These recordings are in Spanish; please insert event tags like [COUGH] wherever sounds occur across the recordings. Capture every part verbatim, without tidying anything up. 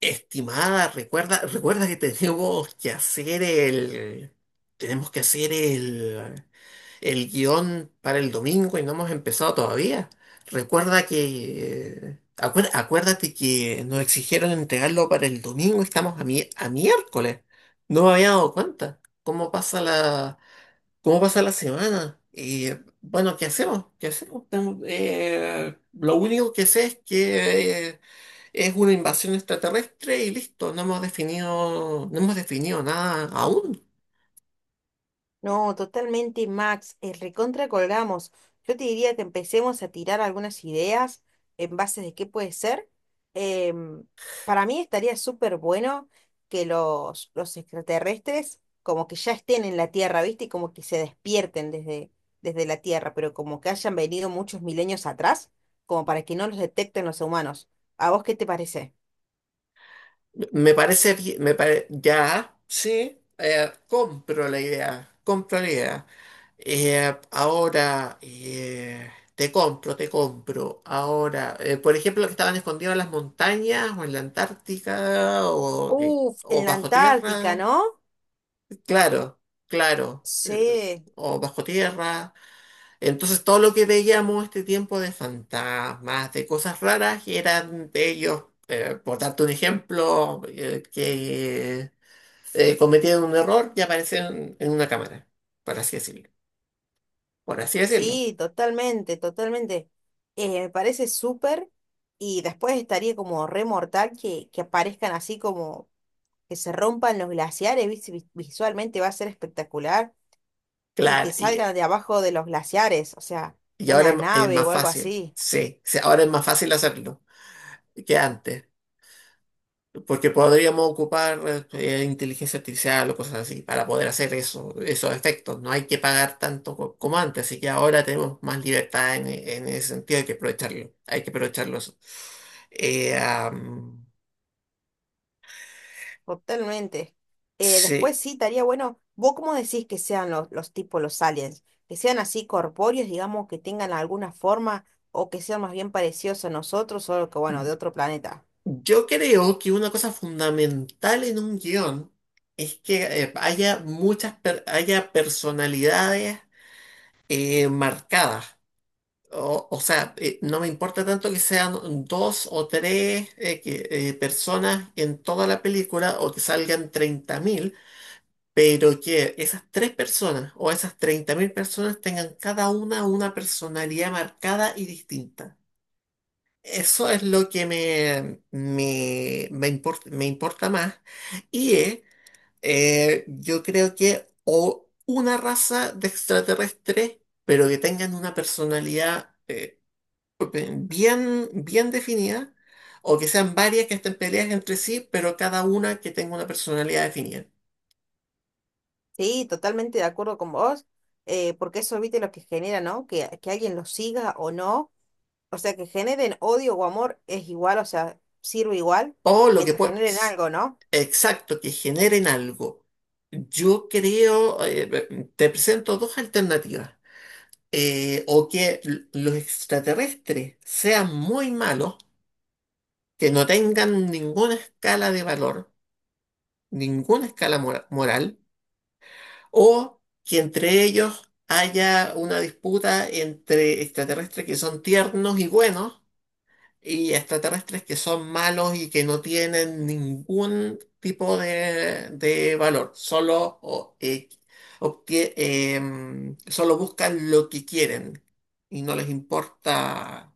Estimada, recuerda, recuerda que tenemos que hacer el, tenemos que hacer el, el guión para el domingo y no hemos empezado todavía. Recuerda que, acuer- acuérdate que nos exigieron entregarlo para el domingo y estamos a, mi- a miércoles. No me había dado cuenta. ¿Cómo pasa la, cómo pasa la semana? Y bueno, ¿qué hacemos? ¿Qué hacemos? Tengo- eh, lo único que sé es que es una invasión extraterrestre y listo, no hemos definido, no hemos definido nada aún. No, totalmente, Max. Eh, recontra colgamos. Yo te diría que empecemos a tirar algunas ideas en base de qué puede ser. Em, para mí estaría súper bueno que los, los extraterrestres como que ya estén en la Tierra, ¿viste? Y como que se despierten desde, desde la Tierra, pero como que hayan venido muchos milenios atrás, como para que no los detecten los humanos. ¿A vos qué te parece? Me parece bien, me pare- ya, sí, eh, compro la idea, compro la idea. Eh, ahora, eh, te compro, te compro. Ahora, eh, por ejemplo, que estaban escondidos en las montañas o en la Antártica o, eh, Uf, o en la bajo Antártica, tierra. ¿no? Claro, claro. eh, Sí. O bajo tierra. Entonces todo lo que veíamos este tiempo de fantasmas, de cosas raras, eran de ellos, eh, por darte un ejemplo, eh, que eh, cometieron un error y aparecieron en una cámara, por así decirlo. Por así decirlo. Sí, totalmente, totalmente. Eh, me parece súper y después estaría como re mortal que, que aparezcan así como que se rompan los glaciares, ¿viste? Vis- Visualmente va a ser espectacular y que Claro, y, salgan de abajo de los glaciares, o sea, y ahora una es, ma- es nave más o algo fácil, así, sí, sí, ahora es más fácil hacerlo que antes. Porque podríamos ocupar eh, inteligencia artificial o cosas así para poder hacer eso, esos efectos. No hay que pagar tanto co- como antes, así que ahora tenemos más libertad en, en ese sentido, hay que aprovecharlo. Hay que aprovecharlo eso. Eh, am, totalmente. Eh, después sí, sí, estaría bueno, ¿vos cómo decís que sean los, los tipos, los aliens? Que sean así corpóreos, digamos, que tengan alguna forma o que sean más bien parecidos a nosotros, solo que bueno, de otro planeta. yo creo que una cosa fundamental en un guión es que eh, haya muchas per- haya personalidades eh, marcadas. O, o sea, eh, no me importa tanto que sean dos o tres eh, que- eh, personas en toda la película o que salgan treinta mil, pero que esas tres personas o esas treinta mil personas tengan cada una una personalidad marcada y distinta. Eso es lo que me, me, me import- me importa más. Y eh, eh, yo creo que o una raza de extraterrestres, pero que tengan una personalidad. Eh, bien, bien definidas, o que sean varias que estén peleadas entre sí, pero cada una que tenga una personalidad definida. Sí, totalmente de acuerdo con vos, eh, porque eso, viste, lo que genera, ¿no? Que, que alguien lo siga o no, o sea, que generen odio o amor es igual, o sea, sirve igual, O lo que mientras puede, generen algo, ¿no? exacto, que generen algo. Yo creo, eh, te presento dos alternativas. Eh, o que l- los extraterrestres sean muy malos, que no tengan ninguna escala de valor, ninguna escala mora- moral, o que entre ellos haya una disputa entre extraterrestres que son tiernos y buenos y extraterrestres que son malos y que no tienen ningún tipo de, de valor, solo, o- eh, obtie- em, solo buscan lo que quieren y no les importa.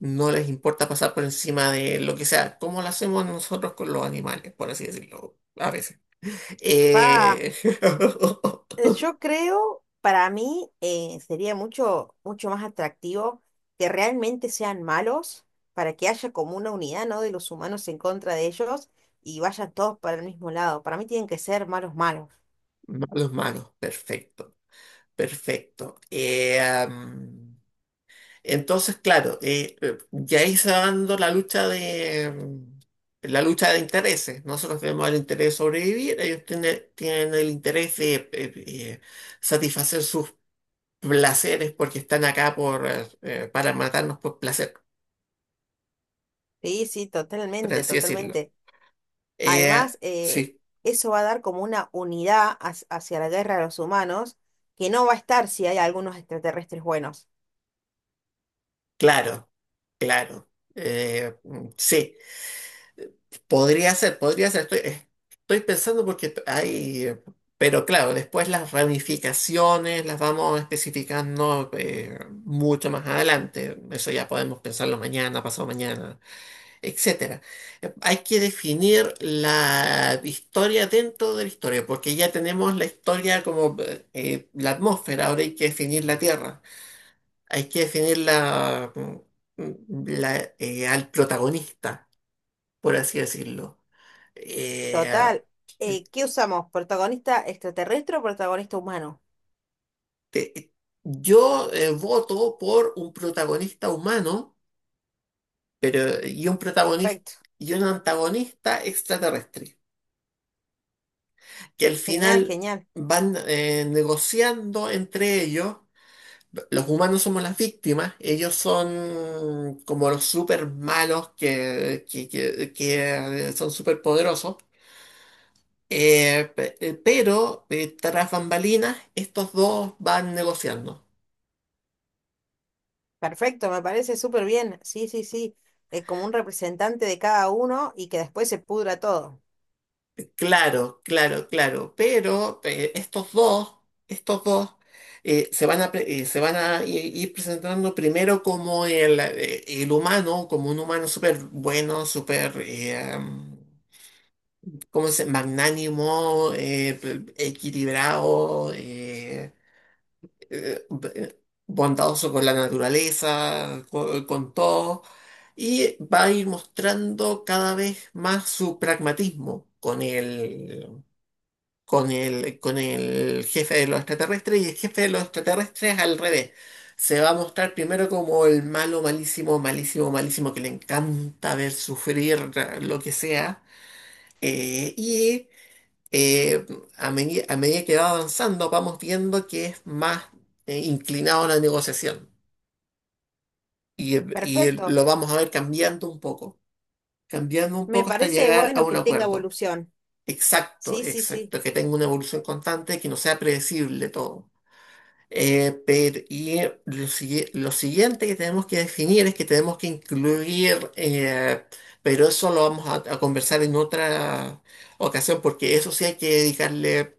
No les importa pasar por encima de lo que sea, como lo hacemos nosotros con los animales, por así decirlo, a veces. Pa, Eh, [LAUGHS] eh, yo creo, para mí, eh, sería mucho, mucho más atractivo que realmente sean malos, para que haya como una unidad, ¿no? De los humanos en contra de ellos y vayan todos para el mismo lado. Para mí tienen que ser malos malos. Malos, malos, perfecto, perfecto. Eh, am, entonces, claro, eh, eh, ya ahí se va dando la lucha de mm, la lucha de intereses. Nosotros tenemos el interés de sobrevivir, ellos tiene tienen el interés de eh, eh, satisfacer sus placeres, porque están acá por, eh, eh, para matarnos por placer, Sí, sí, por totalmente, así decirlo. totalmente. Eh, Además, eh, sí, eso va a dar como una unidad hac- hacia la guerra de los humanos, que no va a estar si hay algunos extraterrestres buenos. claro, claro. Eh, mm, sí. Podría ser, podría ser. Estoy, eh, estoy pensando porque t- hay... eh, pero claro, después las ramificaciones las vamos especificando eh, mucho más adelante. Eso ya podemos pensarlo mañana, pasado mañana, etcétera. Eh, Hay que definir la historia dentro de la historia, porque ya tenemos la historia como eh, eh, la atmósfera, ahora hay que definir la tierra. Hay que definir la, la, eh, al protagonista, por así decirlo. eh, Total, eh, ¿qué usamos? ¿Protagonista extraterrestre o protagonista humano? te- yo eh, voto por un protagonista humano, pero y un protagonista Perfecto, y un antagonista extraterrestre, que al genial, final genial. van eh, negociando entre ellos. Los humanos somos las víctimas, ellos son como los super malos que, que, que- que, eh, son super poderosos. Eh, pe- eh, pero eh, tras bambalinas, estos dos van negociando. Perfecto, me parece súper bien. Sí, sí, sí. Eh, como un representante de cada uno y que después se pudra todo. Claro, claro, claro, pero eh, estos dos, estos dos eh, se van a, pre- eh, se van a i- ir presentando primero como el, eh, el humano, como un humano súper bueno, súper, eh, ¿cómo se magnánimo, eh, equilibrado, eh, eh, b- bondadoso con la naturaleza, co- con todo, y va a ir mostrando cada vez más su pragmatismo con él con el, con el jefe de los extraterrestres, y el jefe de los extraterrestres al revés. Se va a mostrar primero como el malo, malísimo, malísimo, malísimo, que le encanta ver sufrir eh, lo que sea. Eh, y eh, a, medi- a medida que va avanzando, vamos viendo que es más eh, inclinado a la negociación. Y, y Perfecto, lo vamos a ver cambiando un poco, cambiando un me poco hasta parece llegar a bueno un que tenga acuerdo. evolución. Exacto, Sí, sí, sí. exacto, que tenga una evolución constante, que no sea predecible todo. Eh, pero, y eh, lo, sigui- lo siguiente que tenemos que definir es que tenemos que incluir, eh, pero eso lo vamos a, a conversar en otra ocasión, porque eso sí hay que dedicarle,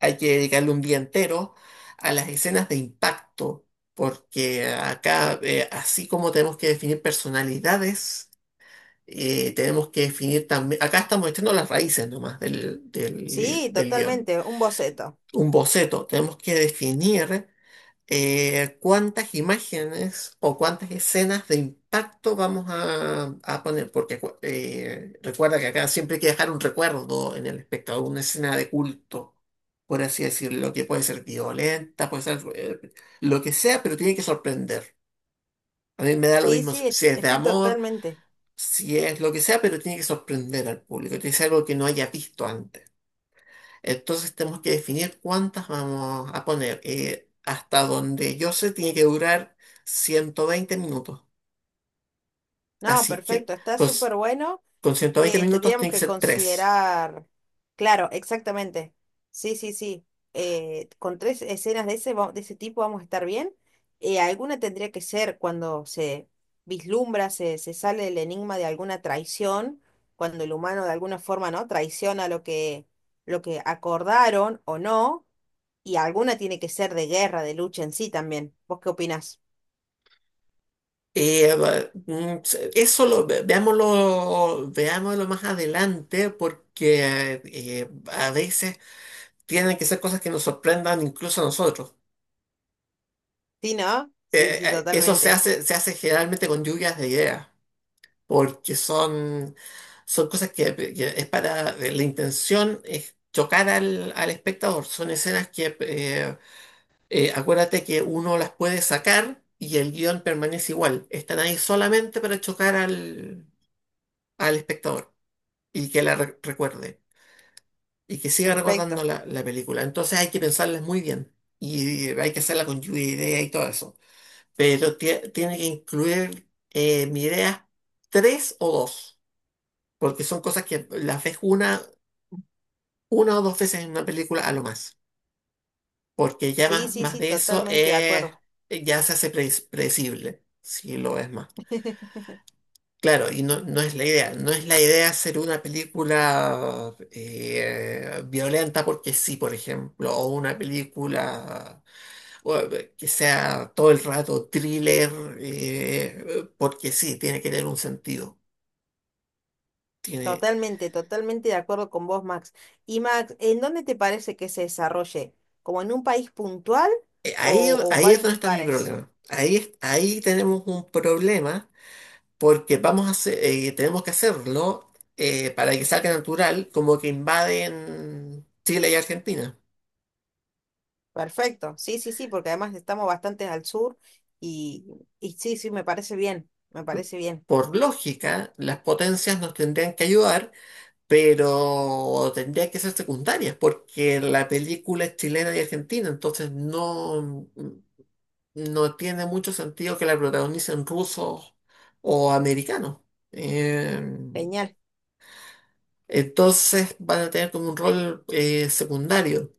hay que dedicarle un día entero a las escenas de impacto, porque acá, eh, así como tenemos que definir personalidades, eh, tenemos que definir también, acá estamos echando las raíces nomás del, del, Sí, del guión. totalmente, un boceto. Un boceto, tenemos que definir eh, cuántas imágenes o cuántas escenas de impacto vamos a, a poner, porque acu- eh, recuerda que acá siempre hay que dejar un recuerdo en el espectador, una escena de culto, por así decirlo, que puede ser violenta, puede ser eh, lo que sea, pero tiene que sorprender. A mí me da lo Sí, mismo si sí, si es de estoy amor, totalmente. si es lo que sea, pero tiene que sorprender al público, tiene que ser algo que no haya visto antes. Entonces tenemos que definir cuántas vamos a poner. Eh, hasta donde yo sé, tiene que durar ciento veinte minutos. No, Así que perfecto, está con, súper bueno. con ciento veinte Eh, minutos tendríamos tiene que que ser tres. considerar, claro, exactamente. Sí, sí, sí. Eh, con tres escenas de ese, va- de ese tipo vamos a estar bien. Eh, alguna tendría que ser cuando se vislumbra, se, se sale el enigma de alguna traición, cuando el humano de alguna forma, ¿no? Traiciona lo que, lo que acordaron o no, y alguna tiene que ser de guerra, de lucha en sí también. ¿Vos qué opinás? Eh, va- mm, se- eso lo ve- veámoslo, veámoslo más adelante, porque eh, a veces tienen que ser cosas que nos sorprendan incluso a nosotros. Sí, ¿no? Sí, Eh, sí, eh, eso se totalmente. Hace, se hace generalmente con lluvias de ideas, porque son, son cosas que, que es para, la intención es chocar al, al espectador, son escenas que, eh, eh, acuérdate que uno las puede sacar y el guión permanece igual, están ahí solamente para chocar al, al espectador y que la re- recuerde y que siga recordando Perfecto. la, la película. Entonces hay que pensarlas muy bien y hay que hacerla con lluvia de ideas y todo eso, pero tie- tiene que incluir, eh, mi idea, tres o dos. Porque son cosas que las ves una, una o dos veces en una película a lo más, porque ya Sí, más, sí, más sí, de eso totalmente de es, acuerdo. ya se hace pre- predecible, si lo ves más. Claro, y no, no es la idea, no es la idea hacer una película eh, violenta porque sí, por ejemplo, o una película, bueno, que sea todo el rato thriller, eh, porque sí, tiene que tener un sentido. Tiene... Totalmente, totalmente de acuerdo con vos, Max. Y Max, ¿en dónde te parece que se desarrolle? ¿Como en un país puntual Eh, o, Ahí, o en ahí es varios donde está mi lugares? problema. Ahí, es- ahí tenemos un problema porque vamos a hacer, eh, tenemos que hacerlo eh, para que salga natural, como que invaden Chile y Argentina. Perfecto. Sí, sí, sí, porque además estamos bastante al sur y, y sí, sí, me parece bien, me parece bien. Por lógica, las potencias nos tendrían que ayudar, pero tendrían que ser secundarias, porque la película es chilena y argentina, entonces no, mm, no tiene mucho sentido que la protagonicen rusos o americanos. Em, Genial. Entonces van a tener como un rol eh, secundario.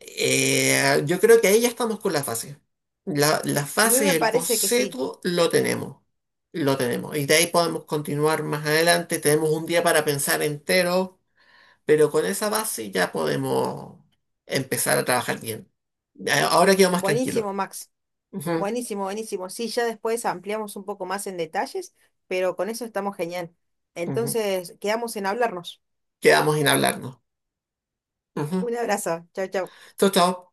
Eh, yo creo que ahí ya estamos con la fase. La, la A mí me fase, el parece que sí. boceto, lo tenemos. Lo tenemos. Y de ahí podemos continuar más adelante. Tenemos un día para pensar entero, pero con esa base ya podemos empezar a trabajar bien. A- Ahora quedo más tranquilo. Buenísimo, Max. Buenísimo, buenísimo. Sí, ya después ampliamos un poco más en detalles, pero con eso estamos genial. Ujú, ujú. Entonces, quedamos en hablarnos. Quedamos en hablarnos. Ujú. Un abrazo. Chao, chao. Chau, chau.